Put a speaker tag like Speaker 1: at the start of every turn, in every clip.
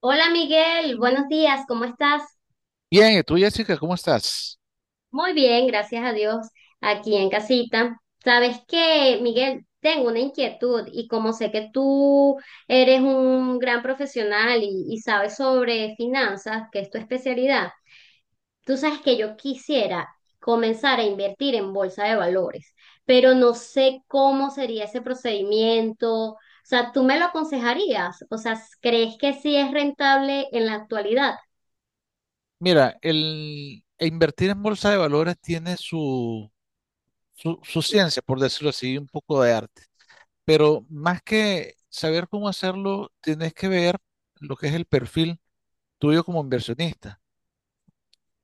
Speaker 1: Hola Miguel, buenos días, ¿cómo estás?
Speaker 2: Bien, ¿y tú, Jessica, cómo estás?
Speaker 1: Muy bien, gracias a Dios, aquí en casita. Sabes que, Miguel, tengo una inquietud y como sé que tú eres un gran profesional y sabes sobre finanzas, que es tu especialidad, tú sabes que yo quisiera comenzar a invertir en bolsa de valores, pero no sé cómo sería ese procedimiento. O sea, ¿tú me lo aconsejarías? O sea, ¿crees que sí es rentable en la actualidad?
Speaker 2: Mira, el e invertir en bolsa de valores tiene su ciencia, por decirlo así, un poco de arte. Pero más que saber cómo hacerlo, tienes que ver lo que es el perfil tuyo como inversionista.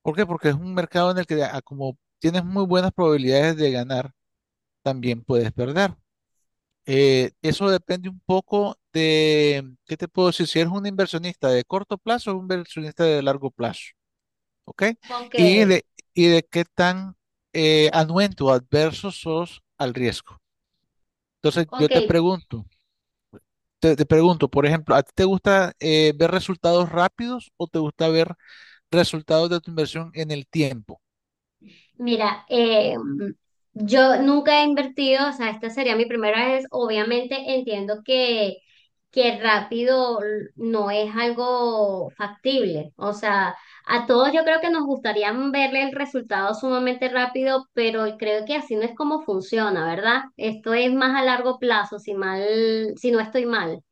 Speaker 2: ¿Por qué? Porque es un mercado en el que, como tienes muy buenas probabilidades de ganar, también puedes perder. Eso depende un poco de, ¿qué te puedo decir? Si eres un inversionista de corto plazo o un inversionista de largo plazo. ¿Ok?
Speaker 1: Ok,
Speaker 2: Y y de qué tan anuente o adverso sos al riesgo. Entonces, yo
Speaker 1: ok.
Speaker 2: te pregunto, te pregunto, por ejemplo, ¿a ti te gusta ver resultados rápidos o te gusta ver resultados de tu inversión en el tiempo?
Speaker 1: Mira, yo nunca he invertido, o sea, esta sería mi primera vez. Obviamente entiendo que rápido no es algo factible. O sea, a todos yo creo que nos gustaría verle el resultado sumamente rápido, pero creo que así no es como funciona, ¿verdad? Esto es más a largo plazo, si no estoy mal.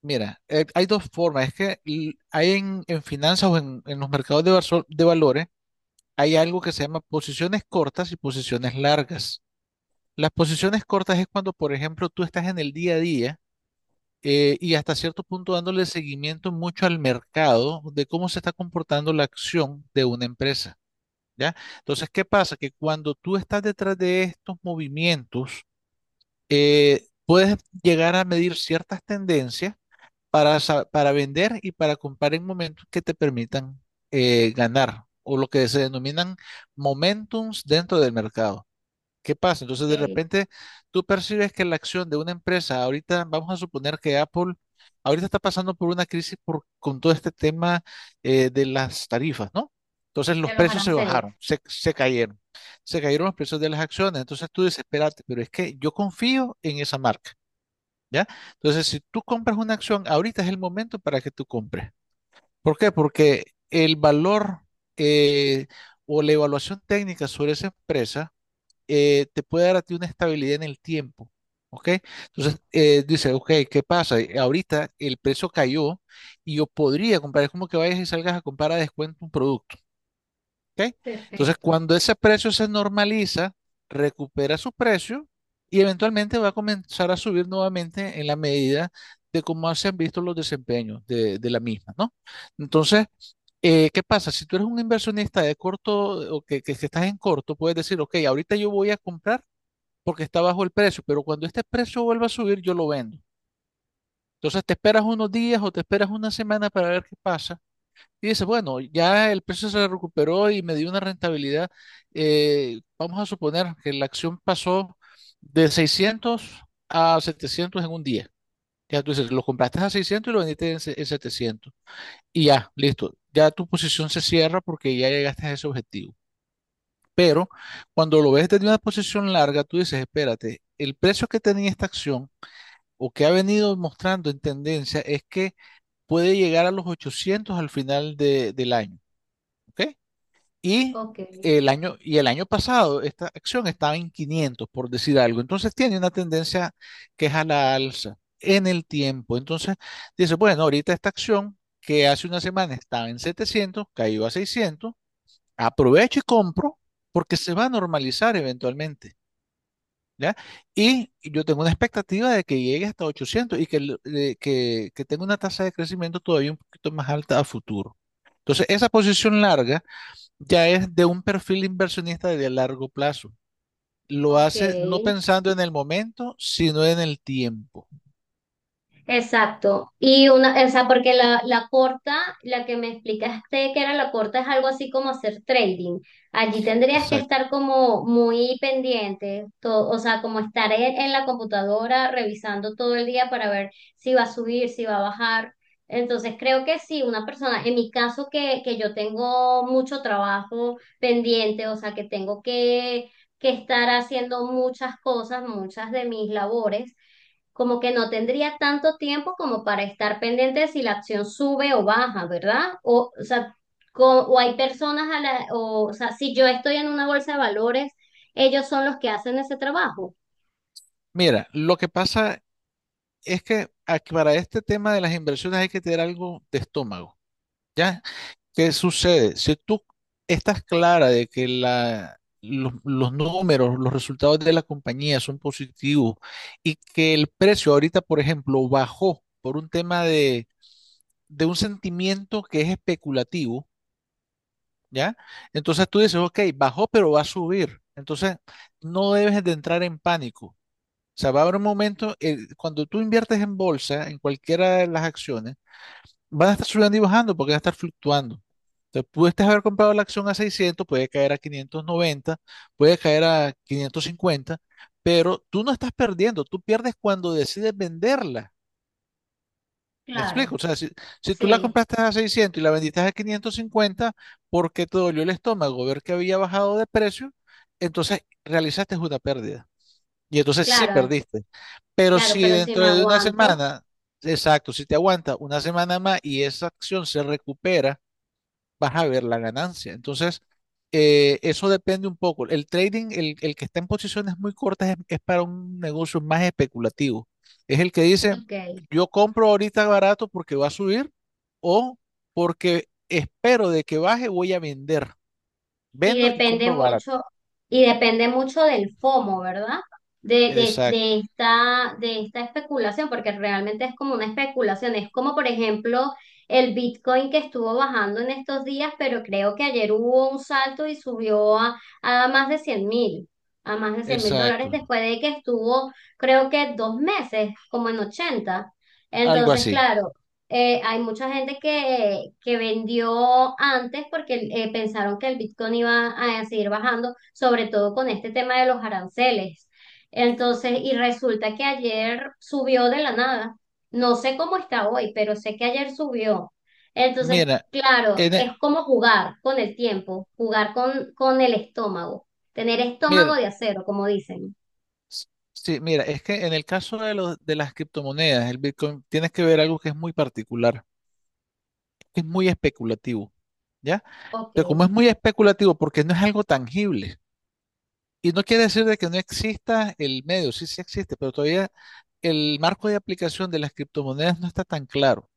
Speaker 2: Mira, hay dos formas. Es que hay en finanzas o en los mercados de, de valores, hay algo que se llama posiciones cortas y posiciones largas. Las posiciones cortas es cuando, por ejemplo, tú estás en el día a día y hasta cierto punto dándole seguimiento mucho al mercado de cómo se está comportando la acción de una empresa, ¿ya? Entonces, ¿qué pasa? Que cuando tú estás detrás de estos movimientos, puedes llegar a medir ciertas tendencias para, para vender y para comprar en momentos que te permitan ganar o lo que se denominan momentums dentro del mercado. ¿Qué pasa?
Speaker 1: Ok,
Speaker 2: Entonces, de
Speaker 1: de
Speaker 2: repente, tú percibes que la acción de una empresa, ahorita vamos a suponer que Apple, ahorita está pasando por una crisis por, con todo este tema de las tarifas, ¿no? Entonces, los
Speaker 1: los
Speaker 2: precios se
Speaker 1: aranceles.
Speaker 2: bajaron, se cayeron los precios de las acciones. Entonces, tú dices, espérate, pero es que yo confío en esa marca, ¿ya? Entonces, si tú compras una acción, ahorita es el momento para que tú compres. ¿Por qué? Porque el valor eh, o la evaluación técnica sobre esa empresa te puede dar a ti una estabilidad en el tiempo. ¿Ok? Entonces, dice, ok, ¿qué pasa? Ahorita el precio cayó y yo podría comprar. Es como que vayas y salgas a comprar a descuento un producto. ¿Ok? Entonces,
Speaker 1: Perfecto.
Speaker 2: cuando ese precio se normaliza, recupera su precio y eventualmente va a comenzar a subir nuevamente en la medida de cómo se han visto los desempeños de la misma, ¿no? Entonces, ¿qué pasa? Si tú eres un inversionista de corto o que que estás en corto, puedes decir, ok, ahorita yo voy a comprar porque está bajo el precio, pero cuando este precio vuelva a subir, yo lo vendo. Entonces te esperas unos días o te esperas una semana para ver qué pasa. Y dices, bueno, ya el precio se recuperó y me dio una rentabilidad. Vamos a suponer que la acción pasó de 600 a 700 en un día. Ya tú dices, lo compraste a 600 y lo vendiste en 700. Y ya, listo. Ya tu posición se cierra porque ya llegaste a ese objetivo. Pero cuando lo ves desde una posición larga, tú dices, espérate, el precio que tenía esta acción o que ha venido mostrando en tendencia es que puede llegar a los 800 al final del año, ¿ok? Y
Speaker 1: Ok,
Speaker 2: y el año pasado esta acción estaba en 500, por decir algo. Entonces tiene una tendencia que es a la alza en el tiempo. Entonces dice, bueno, ahorita esta acción que hace una semana estaba en 700, cayó a 600, aprovecho y compro porque se va a normalizar eventualmente. ¿Ya? Y yo tengo una expectativa de que llegue hasta 800 y que, que tenga una tasa de crecimiento todavía un poquito más alta a futuro. Entonces, esa posición larga ya es de un perfil inversionista de largo plazo. Lo hace no
Speaker 1: ok.
Speaker 2: pensando en el momento, sino en el tiempo.
Speaker 1: Exacto. Y una, o sea, porque la corta, la que me explicaste que era la corta, es algo así como hacer trading. Allí tendrías que
Speaker 2: Exacto.
Speaker 1: estar como muy pendiente, o sea, como estar en la computadora revisando todo el día para ver si va a subir, si va a bajar. Entonces creo que sí, una persona, en mi caso que yo tengo mucho trabajo pendiente, o sea, que tengo que estar haciendo muchas cosas, muchas de mis labores como que no tendría tanto tiempo como para estar pendiente de si la acción sube o baja, ¿verdad? O sea, o hay personas a la, o sea, si yo estoy en una bolsa de valores, ellos son los que hacen ese trabajo.
Speaker 2: Mira, lo que pasa es que aquí para este tema de las inversiones hay que tener algo de estómago, ¿ya? ¿Qué sucede? Si tú estás clara de que los números, los resultados de la compañía son positivos y que el precio ahorita, por ejemplo, bajó por un tema de un sentimiento que es especulativo, ¿ya? Entonces tú dices, ok, bajó, pero va a subir. Entonces no debes de entrar en pánico. O sea, va a haber un momento, cuando tú inviertes en bolsa, en cualquiera de las acciones, van a estar subiendo y bajando porque van a estar fluctuando. Entonces, pudiste haber comprado la acción a 600, puede caer a 590, puede caer a 550, pero tú no estás perdiendo, tú pierdes cuando decides venderla. ¿Me
Speaker 1: Claro.
Speaker 2: explico? O sea, si tú la
Speaker 1: Sí,
Speaker 2: compraste a 600 y la vendiste a 550 porque te dolió el estómago ver que había bajado de precio, entonces realizaste una pérdida. Y entonces sí
Speaker 1: claro,
Speaker 2: perdiste. Pero
Speaker 1: claro,
Speaker 2: si
Speaker 1: pero si
Speaker 2: dentro
Speaker 1: me
Speaker 2: de una
Speaker 1: aguanto,
Speaker 2: semana, exacto, si te aguanta una semana más y esa acción se recupera, vas a ver la ganancia. Entonces, eso depende un poco. El trading, el que está en posiciones muy cortas es para un negocio más especulativo. Es el que dice,
Speaker 1: ok.
Speaker 2: yo compro ahorita barato porque va a subir o porque espero de que baje, voy a vender.
Speaker 1: Y
Speaker 2: Vendo y
Speaker 1: depende
Speaker 2: compro barato.
Speaker 1: mucho, y depende mucho del FOMO, ¿verdad? De, de,
Speaker 2: Exacto,
Speaker 1: de esta, de esta especulación, porque realmente es como una especulación. Es como, por ejemplo, el Bitcoin que estuvo bajando en estos días, pero creo que ayer hubo un salto y subió a más de 100.000, a más de 100.000 dólares
Speaker 2: exacto.
Speaker 1: después de que estuvo, creo que 2 meses, como en 80.
Speaker 2: Algo
Speaker 1: Entonces,
Speaker 2: así.
Speaker 1: claro, hay mucha gente que vendió antes porque pensaron que el Bitcoin iba a seguir bajando, sobre todo con este tema de los aranceles. Entonces, y resulta que ayer subió de la nada. No sé cómo está hoy, pero sé que ayer subió. Entonces,
Speaker 2: Mira,
Speaker 1: claro,
Speaker 2: en e-
Speaker 1: es como jugar con el tiempo, jugar con el estómago, tener estómago
Speaker 2: mira,
Speaker 1: de acero, como dicen.
Speaker 2: s- sí, mira, es que en el caso de los, de las criptomonedas, el Bitcoin, tienes que ver algo que es muy particular. Es muy especulativo, ¿ya?
Speaker 1: Ok,
Speaker 2: Pero como es muy especulativo porque no es algo tangible, y no quiere decir de que no exista el medio, sí, sí existe, pero todavía el marco de aplicación de las criptomonedas no está tan claro,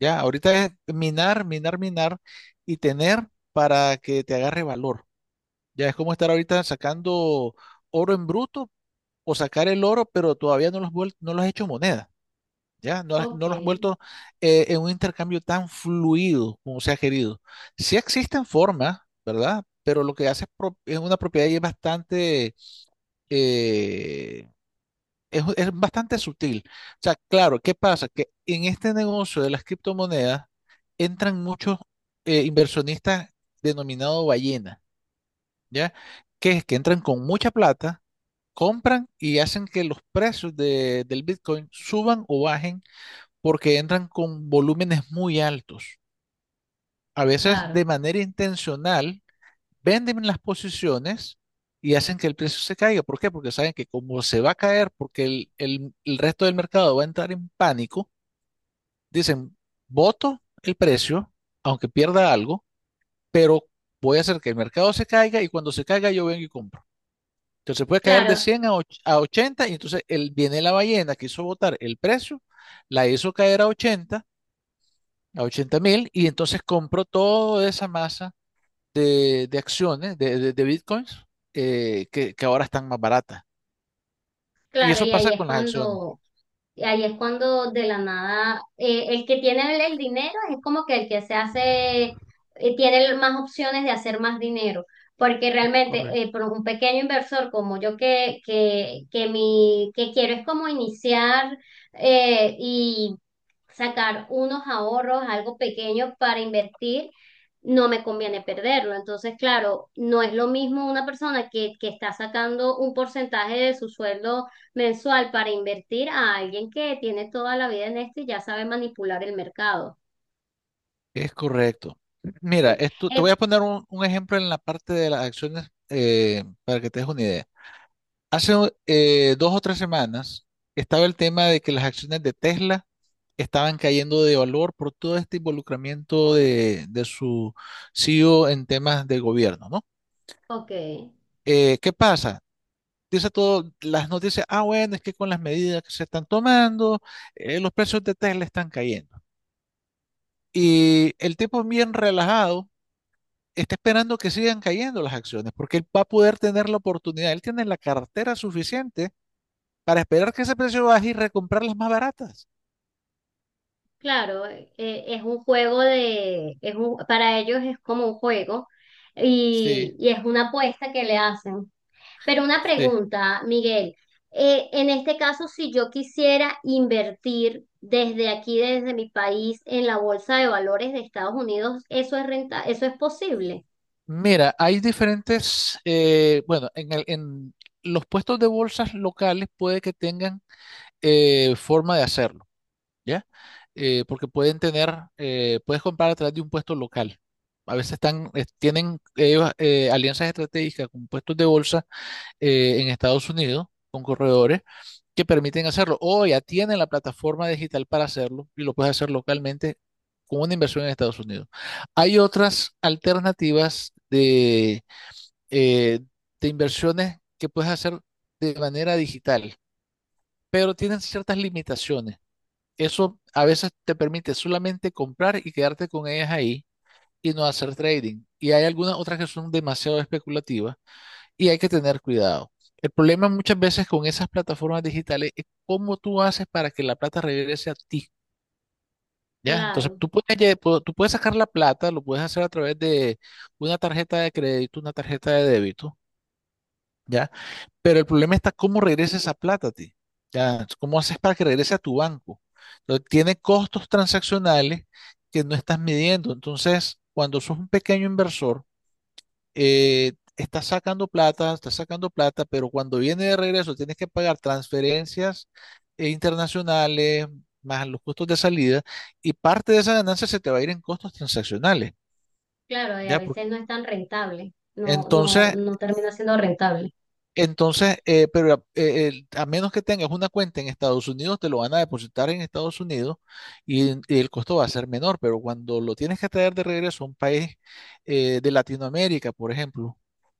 Speaker 2: ¿ya? Ahorita es minar, minar, minar y tener para que te agarre valor. Ya es como estar ahorita sacando oro en bruto o sacar el oro, pero todavía no lo has, no lo has hecho moneda. ¿Ya? No,
Speaker 1: ok,
Speaker 2: no los han vuelto en un intercambio tan fluido como se ha querido. Sí existen formas, ¿verdad? Pero lo que hace es, es una propiedad y es bastante, eh, es bastante sutil. O sea, claro, ¿qué pasa? Que en este negocio de las criptomonedas entran muchos inversionistas denominados ballena, ¿ya? Que es que entran con mucha plata, compran y hacen que los precios del Bitcoin suban o bajen porque entran con volúmenes muy altos. A veces
Speaker 1: claro.
Speaker 2: de manera intencional venden las posiciones y hacen que el precio se caiga. ¿Por qué? Porque saben que como se va a caer, porque el resto del mercado va a entrar en pánico, dicen, voto el precio, aunque pierda algo, pero voy a hacer que el mercado se caiga y cuando se caiga yo vengo y compro. Entonces puede caer de
Speaker 1: Claro,
Speaker 2: 100 a 80 y entonces viene la ballena que hizo votar el precio, la hizo caer a 80,000, y entonces compro toda esa masa de, de bitcoins, que ahora están más baratas. Y
Speaker 1: claro,
Speaker 2: eso
Speaker 1: y ahí
Speaker 2: pasa
Speaker 1: es
Speaker 2: con las acciones.
Speaker 1: cuando, Y ahí es cuando de la nada, el que tiene el dinero es como que el que se hace, tiene más opciones de hacer más dinero, porque
Speaker 2: Es
Speaker 1: realmente
Speaker 2: correcto.
Speaker 1: por un pequeño inversor como yo que quiero es como iniciar y sacar unos ahorros, algo pequeño para invertir, no me conviene perderlo. Entonces, claro, no es lo mismo una persona que está sacando un porcentaje de su sueldo mensual para invertir a alguien que tiene toda la vida en esto y ya sabe manipular el mercado.
Speaker 2: Es correcto. Mira,
Speaker 1: Sí.
Speaker 2: esto, te voy a poner un ejemplo en la parte de las acciones para que te des una idea. Hace dos o tres semanas estaba el tema de que las acciones de Tesla estaban cayendo de valor por todo este involucramiento de su CEO en temas de gobierno, ¿no?
Speaker 1: Ok,
Speaker 2: ¿Qué pasa? Dice todo, las noticias, ah, bueno, es que con las medidas que se están tomando, los precios de Tesla están cayendo. Y el tipo bien relajado está esperando que sigan cayendo las acciones, porque él va a poder tener la oportunidad, él tiene la cartera suficiente para esperar que ese precio baje y recomprar las más baratas.
Speaker 1: claro, es un juego de, para ellos es como un juego
Speaker 2: Sí,
Speaker 1: y es una apuesta que le hacen. Pero una
Speaker 2: sí.
Speaker 1: pregunta, Miguel, en este caso, si yo quisiera invertir desde aquí, desde mi país, en la bolsa de valores de Estados Unidos, ¿Eso es posible?
Speaker 2: Mira, hay diferentes, en los puestos de bolsas locales puede que tengan forma de hacerlo. ¿Ya? Porque pueden tener, puedes comprar a través de un puesto local. A veces están, tienen ellos, alianzas estratégicas con puestos de bolsa en Estados Unidos, con corredores, que permiten hacerlo. O ya tienen la plataforma digital para hacerlo y lo puedes hacer localmente con una inversión en Estados Unidos. Hay otras alternativas eh, de inversiones que puedes hacer de manera digital, pero tienen ciertas limitaciones. Eso a veces te permite solamente comprar y quedarte con ellas ahí y no hacer trading. Y hay algunas otras que son demasiado especulativas y hay que tener cuidado. El problema muchas veces con esas plataformas digitales es cómo tú haces para que la plata regrese a ti. ¿Ya? Entonces
Speaker 1: Claro.
Speaker 2: tú puedes, tú puedes sacar la plata, lo puedes hacer a través de una tarjeta de crédito, una tarjeta de débito. ¿Ya? Pero el problema está cómo regresa esa plata a ti. Ya, ¿cómo haces para que regrese a tu banco? Entonces, tiene costos transaccionales que no estás midiendo. Entonces, cuando sos un pequeño inversor, estás sacando plata, pero cuando viene de regreso tienes que pagar transferencias internacionales, más los costos de salida, y parte de esa ganancia se te va a ir en costos transaccionales.
Speaker 1: Claro, y a
Speaker 2: ¿Ya?
Speaker 1: veces no es tan rentable, no, no,
Speaker 2: Entonces,
Speaker 1: no termina siendo rentable.
Speaker 2: A menos que tengas una cuenta en Estados Unidos, te lo van a depositar en Estados Unidos y el costo va a ser menor, pero cuando lo tienes que traer de regreso a un país de Latinoamérica, por ejemplo,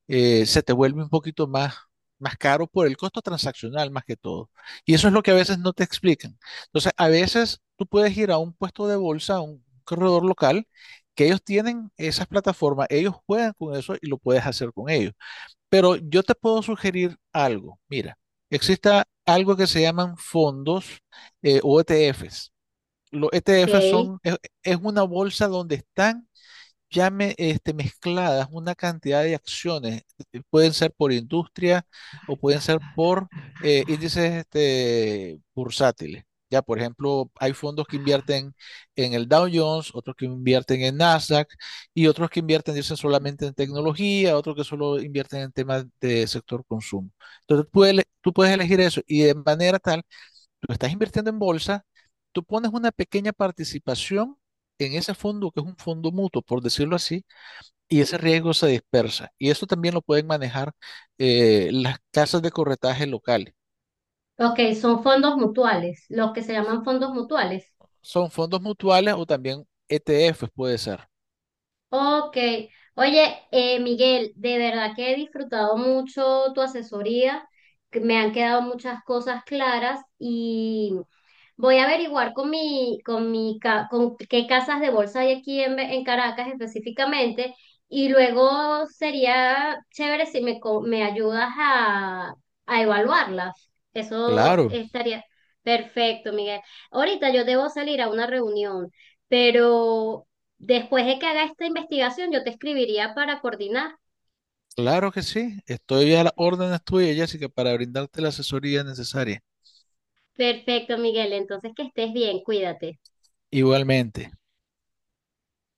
Speaker 2: se te vuelve un poquito más, más caro por el costo transaccional más que todo. Y eso es lo que a veces no te explican. Entonces, a veces tú puedes ir a un puesto de bolsa, a un corredor local, que ellos tienen esas plataformas, ellos juegan con eso y lo puedes hacer con ellos. Pero yo te puedo sugerir algo. Mira, existe algo que se llaman fondos o ETFs. Los ETFs
Speaker 1: Ok,
Speaker 2: es una bolsa donde están mezcladas una cantidad de acciones. Pueden ser por industria o pueden ser por índices bursátiles. Ya, por ejemplo, hay fondos que invierten en el Dow Jones, otros que invierten en Nasdaq y otros que invierten, dicen, solamente en tecnología, otros que solo invierten en temas de sector consumo. Entonces, tú puedes elegir eso y de manera tal tú estás invirtiendo en bolsa, tú pones una pequeña participación en ese fondo, que es un fondo mutuo, por decirlo así, y ese riesgo se dispersa. Y eso también lo pueden manejar las casas de corretaje locales.
Speaker 1: ok, son fondos mutuales, los que se llaman fondos mutuales.
Speaker 2: Son fondos mutuales o también ETFs puede ser.
Speaker 1: Ok, oye, Miguel, de verdad que he disfrutado mucho tu asesoría, que me han quedado muchas cosas claras y voy a averiguar con qué casas de bolsa hay aquí en Caracas específicamente y luego sería chévere si me ayudas a evaluarlas. Eso
Speaker 2: Claro,
Speaker 1: estaría perfecto, Miguel. Ahorita yo debo salir a una reunión, pero después de que haga esta investigación yo te escribiría para coordinar.
Speaker 2: claro que sí. Estoy a las órdenes tuyas, Jessica, para brindarte la asesoría necesaria.
Speaker 1: Perfecto, Miguel. Entonces que estés bien, cuídate.
Speaker 2: Igualmente.